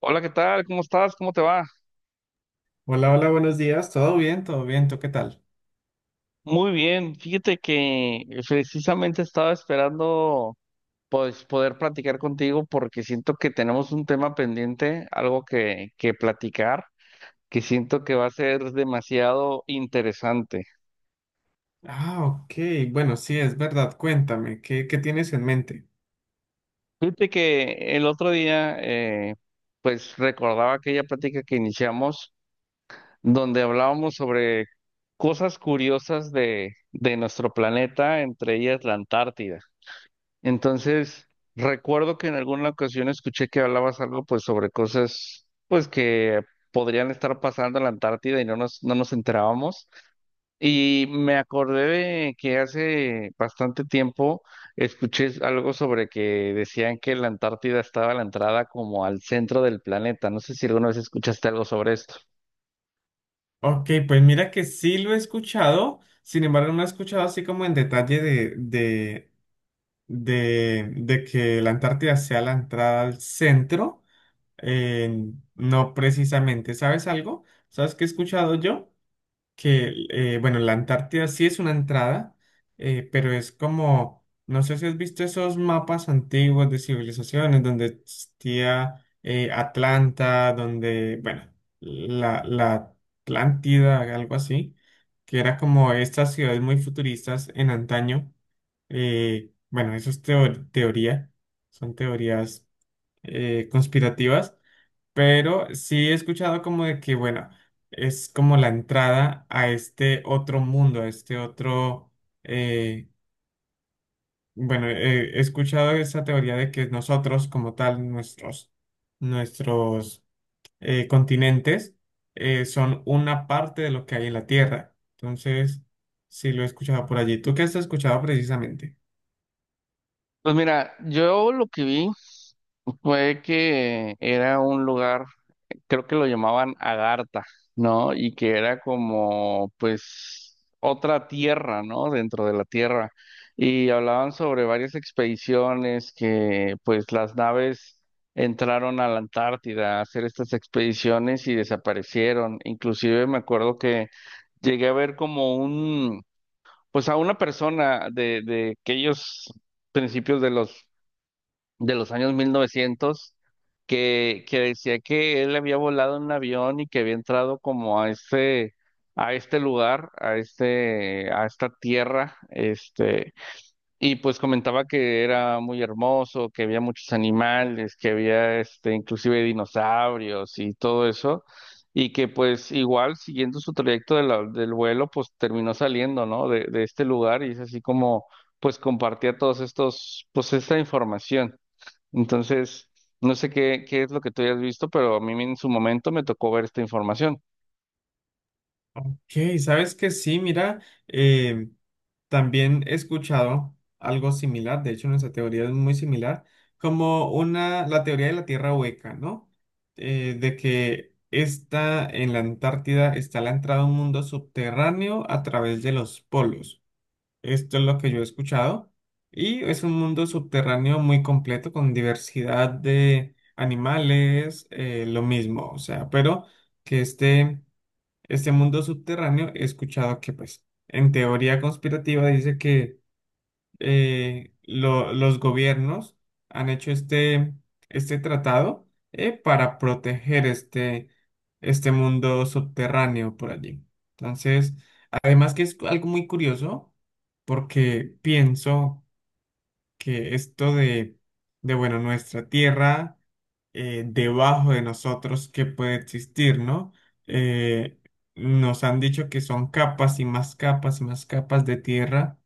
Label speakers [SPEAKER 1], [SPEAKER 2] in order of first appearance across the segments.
[SPEAKER 1] Hola, ¿qué tal? ¿Cómo estás? ¿Cómo te va?
[SPEAKER 2] Hola, hola, buenos días. ¿Todo bien? ¿Todo bien? ¿Tú qué tal?
[SPEAKER 1] Muy bien. Fíjate que precisamente estaba esperando pues poder platicar contigo porque siento que tenemos un tema pendiente, algo que platicar, que siento que va a ser demasiado interesante.
[SPEAKER 2] Ah, ok. Bueno, sí, es verdad. Cuéntame, ¿qué tienes en mente?
[SPEAKER 1] Fíjate que el otro día pues recordaba aquella plática que iniciamos donde hablábamos sobre cosas curiosas de nuestro planeta, entre ellas la Antártida. Entonces, recuerdo que en alguna ocasión escuché que hablabas algo pues sobre cosas pues que podrían estar pasando en la Antártida y no nos enterábamos. Y me acordé de que hace bastante tiempo escuché algo sobre que decían que la Antártida estaba a la entrada como al centro del planeta. No sé si alguna vez escuchaste algo sobre esto.
[SPEAKER 2] Ok, pues mira que sí lo he escuchado, sin embargo no he escuchado así como en detalle de que la Antártida sea la entrada al centro. eh, no precisamente. ¿Sabes algo? ¿Sabes qué he escuchado yo? Que, bueno, la Antártida sí es una entrada, pero es como, no sé si has visto esos mapas antiguos de civilizaciones donde existía, Atlanta, donde, bueno, la Atlántida, algo así, que era como estas ciudades muy futuristas en antaño. Bueno, eso es teoría, son teorías conspirativas. Pero sí he escuchado como de que, bueno, es como la entrada a este otro mundo, a este otro, eh, bueno, he escuchado esa teoría de que nosotros como tal, nuestros continentes son una parte de lo que hay en la Tierra. Entonces, sí lo he escuchado por allí. ¿Tú qué has escuchado precisamente?
[SPEAKER 1] Pues mira, yo lo que vi fue que era un lugar, creo que lo llamaban Agartha, ¿no? Y que era como, pues, otra tierra, ¿no? Dentro de la tierra. Y hablaban sobre varias expediciones que, pues, las naves entraron a la Antártida a hacer estas expediciones y desaparecieron. Inclusive me acuerdo que llegué a ver como un, pues, a una persona de aquellos principios de los años 1900 que decía que él había volado en un avión y que había entrado como a este lugar, a este, a esta tierra, este, y pues comentaba que era muy hermoso, que había muchos animales, que había este, inclusive dinosaurios y todo eso. Y que pues igual siguiendo su trayecto de del vuelo, pues terminó saliendo, ¿no? De este lugar y es así como pues compartía todos estos, pues esta información. Entonces, no sé qué es lo que tú hayas visto, pero a mí en su momento me tocó ver esta información.
[SPEAKER 2] Ok, sabes que sí, mira, em, también he escuchado algo similar, de hecho nuestra teoría es muy similar, como una, la teoría de la Tierra hueca, ¿no? De que está en la Antártida, está la entrada a un mundo subterráneo a través de los polos. Esto es lo que yo he escuchado. Y es un mundo subterráneo muy completo con diversidad de animales, lo mismo, o sea, pero que este mundo subterráneo, he escuchado que, pues, en teoría conspirativa dice que los gobiernos han hecho este, este tratado, para proteger este, este mundo subterráneo por allí. Entonces, además que es algo muy curioso, porque pienso que esto de bueno, nuestra tierra, debajo de nosotros que puede existir, ¿no? Eh, Nos han dicho que son capas y más capas y más capas de tierra,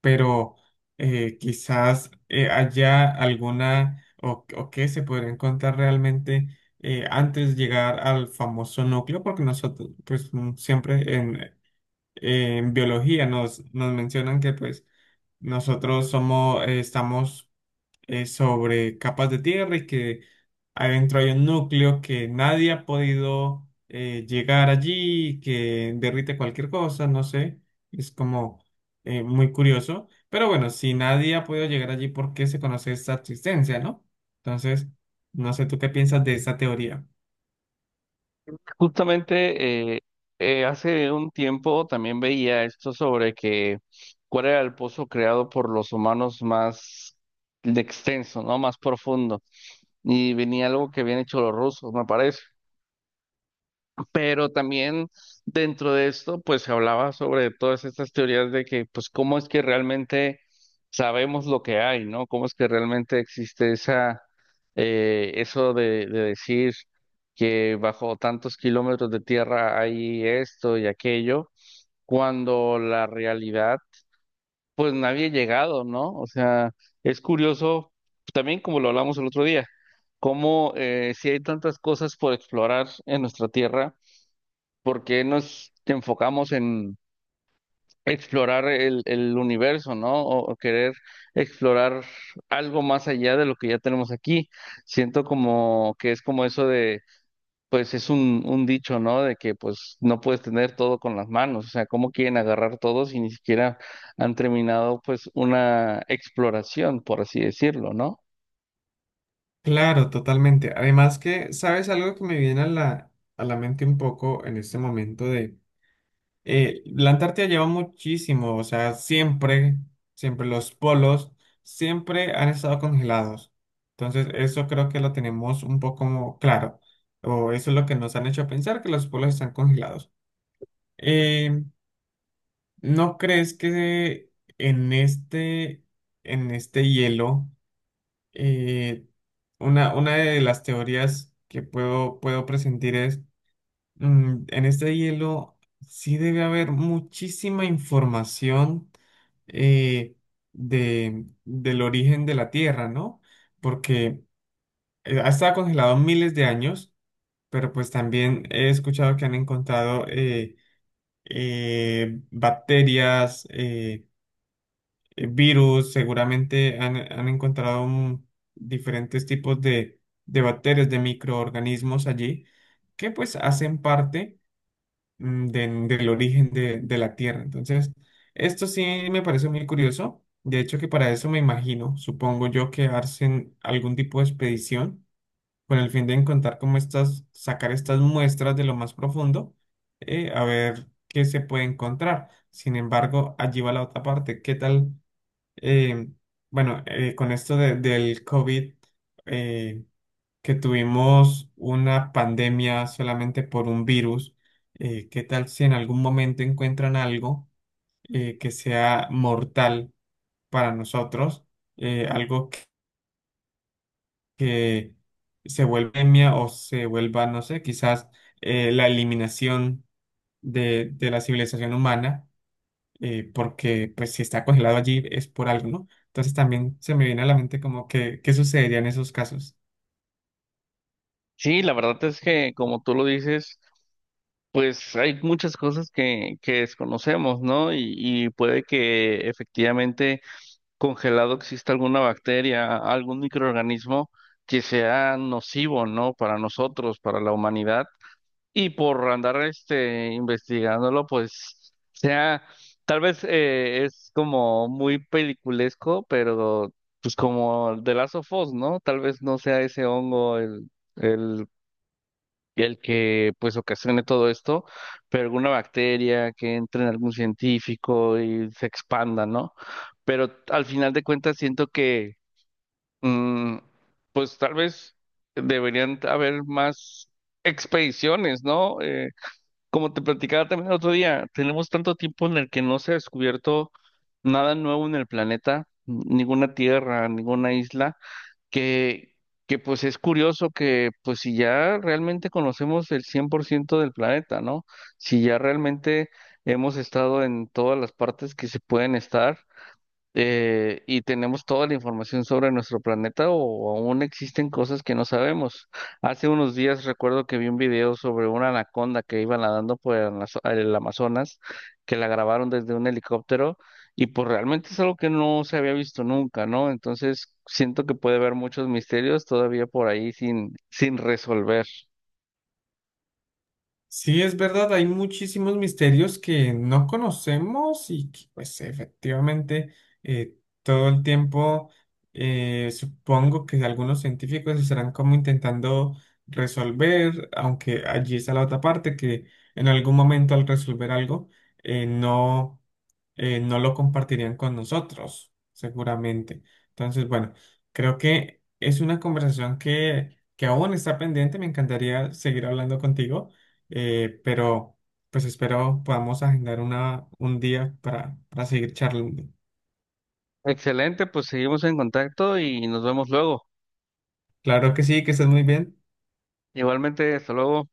[SPEAKER 2] pero quizás haya alguna, o que se podría encontrar realmente antes de llegar al famoso núcleo, porque nosotros, pues siempre en biología nos mencionan que pues nosotros somos, estamos sobre capas de tierra y que adentro hay un núcleo que nadie ha podido, llegar allí, que derrite cualquier cosa, no sé, es como muy curioso. Pero bueno, si nadie ha podido llegar allí, ¿por qué se conoce esta existencia, no? Entonces, no sé tú qué piensas de esta teoría.
[SPEAKER 1] Justamente hace un tiempo también veía esto sobre que cuál era el pozo creado por los humanos más extenso, ¿no? Más profundo. Y venía algo que habían hecho los rusos, me parece. Pero también dentro de esto, pues se hablaba sobre todas estas teorías de que, pues, cómo es que realmente sabemos lo que hay, ¿no? Cómo es que realmente existe esa, eso de decir que bajo tantos kilómetros de tierra hay esto y aquello, cuando la realidad, pues nadie ha llegado, ¿no? O sea, es curioso, también como lo hablamos el otro día, cómo si hay tantas cosas por explorar en nuestra tierra por qué nos enfocamos en explorar el universo, ¿no? O querer explorar algo más allá de lo que ya tenemos aquí. Siento como que es como eso de, pues es un dicho, ¿no? De que pues no puedes tener todo con las manos, o sea, ¿cómo quieren agarrar todo si ni siquiera han terminado pues una exploración, por así decirlo, ¿no?
[SPEAKER 2] Claro, totalmente. Además que, ¿sabes algo que me viene a la mente un poco en este momento? La Antártida lleva muchísimo, o sea, siempre, siempre los polos siempre han estado congelados. Entonces, eso creo que lo tenemos un poco claro, o eso es lo que nos han hecho pensar, que los polos están congelados. Eh, ¿No crees que en este, en este hielo, eh, una de las teorías que puedo presentir es... Mm, en este hielo sí debe haber muchísima información, eh, de, del origen de la Tierra, ¿no? Porque ha estado congelado miles de años, pero pues también he escuchado que han encontrado bacterias, virus, seguramente han, han encontrado diferentes tipos de bacterias, de microorganismos allí, que pues hacen parte del origen de la Tierra. Entonces, esto sí me parece muy curioso. De hecho, que para eso me imagino, supongo yo, que hacen algún tipo de expedición con el fin de encontrar cómo estas, sacar estas muestras de lo más profundo, a ver qué se puede encontrar. Sin embargo, allí va la otra parte. ¿Qué tal? eh, bueno, con esto del COVID, eh, que tuvimos una pandemia solamente por un virus, ¿qué tal si en algún momento encuentran algo, que sea mortal para nosotros? Algo que se vuelva pandemia o se vuelva, no sé, quizás la eliminación de la civilización humana, porque pues si está congelado allí es por algo, ¿no? Entonces también se me viene a la mente como que, ¿qué sucedería en esos casos?
[SPEAKER 1] Sí, la verdad es que como tú lo dices, pues hay muchas cosas que desconocemos, ¿no? Y puede que efectivamente congelado exista alguna bacteria, algún microorganismo que sea nocivo, ¿no? Para nosotros, para la humanidad. Y por andar este investigándolo, pues sea, tal vez es como muy peliculesco, pero pues como de Last of Us, ¿no? Tal vez no sea ese hongo el el que pues ocasione todo esto, pero alguna bacteria que entre en algún científico y se expanda, ¿no? Pero al final de cuentas siento que mm, pues tal vez deberían haber más expediciones, ¿no? Como te platicaba también el otro día, tenemos tanto tiempo en el que no se ha descubierto nada nuevo en el planeta, ninguna tierra, ninguna isla que, que pues es curioso que pues si ya realmente conocemos el 100% del planeta, ¿no? Si ya realmente hemos estado en todas las partes que se pueden estar, y tenemos toda la información sobre nuestro planeta o aún existen cosas que no sabemos. Hace unos días recuerdo que vi un video sobre una anaconda que iba nadando por el el Amazonas, que la grabaron desde un helicóptero y pues realmente es algo que no se había visto nunca, ¿no? Entonces siento que puede haber muchos misterios todavía por ahí sin resolver.
[SPEAKER 2] Sí, es verdad, hay muchísimos misterios que no conocemos y que pues efectivamente eh, todo el tiempo supongo que algunos científicos estarán como intentando resolver, aunque allí está la otra parte, que en algún momento al resolver algo, eh, no, no lo compartirían con nosotros, seguramente. Entonces, bueno, creo que es una conversación que aún está pendiente, me encantaría seguir hablando contigo. Pero pues espero podamos agendar una, un día para seguir charlando.
[SPEAKER 1] Excelente, pues seguimos en contacto y nos vemos luego.
[SPEAKER 2] Claro que sí, que estés muy bien.
[SPEAKER 1] Igualmente, hasta luego.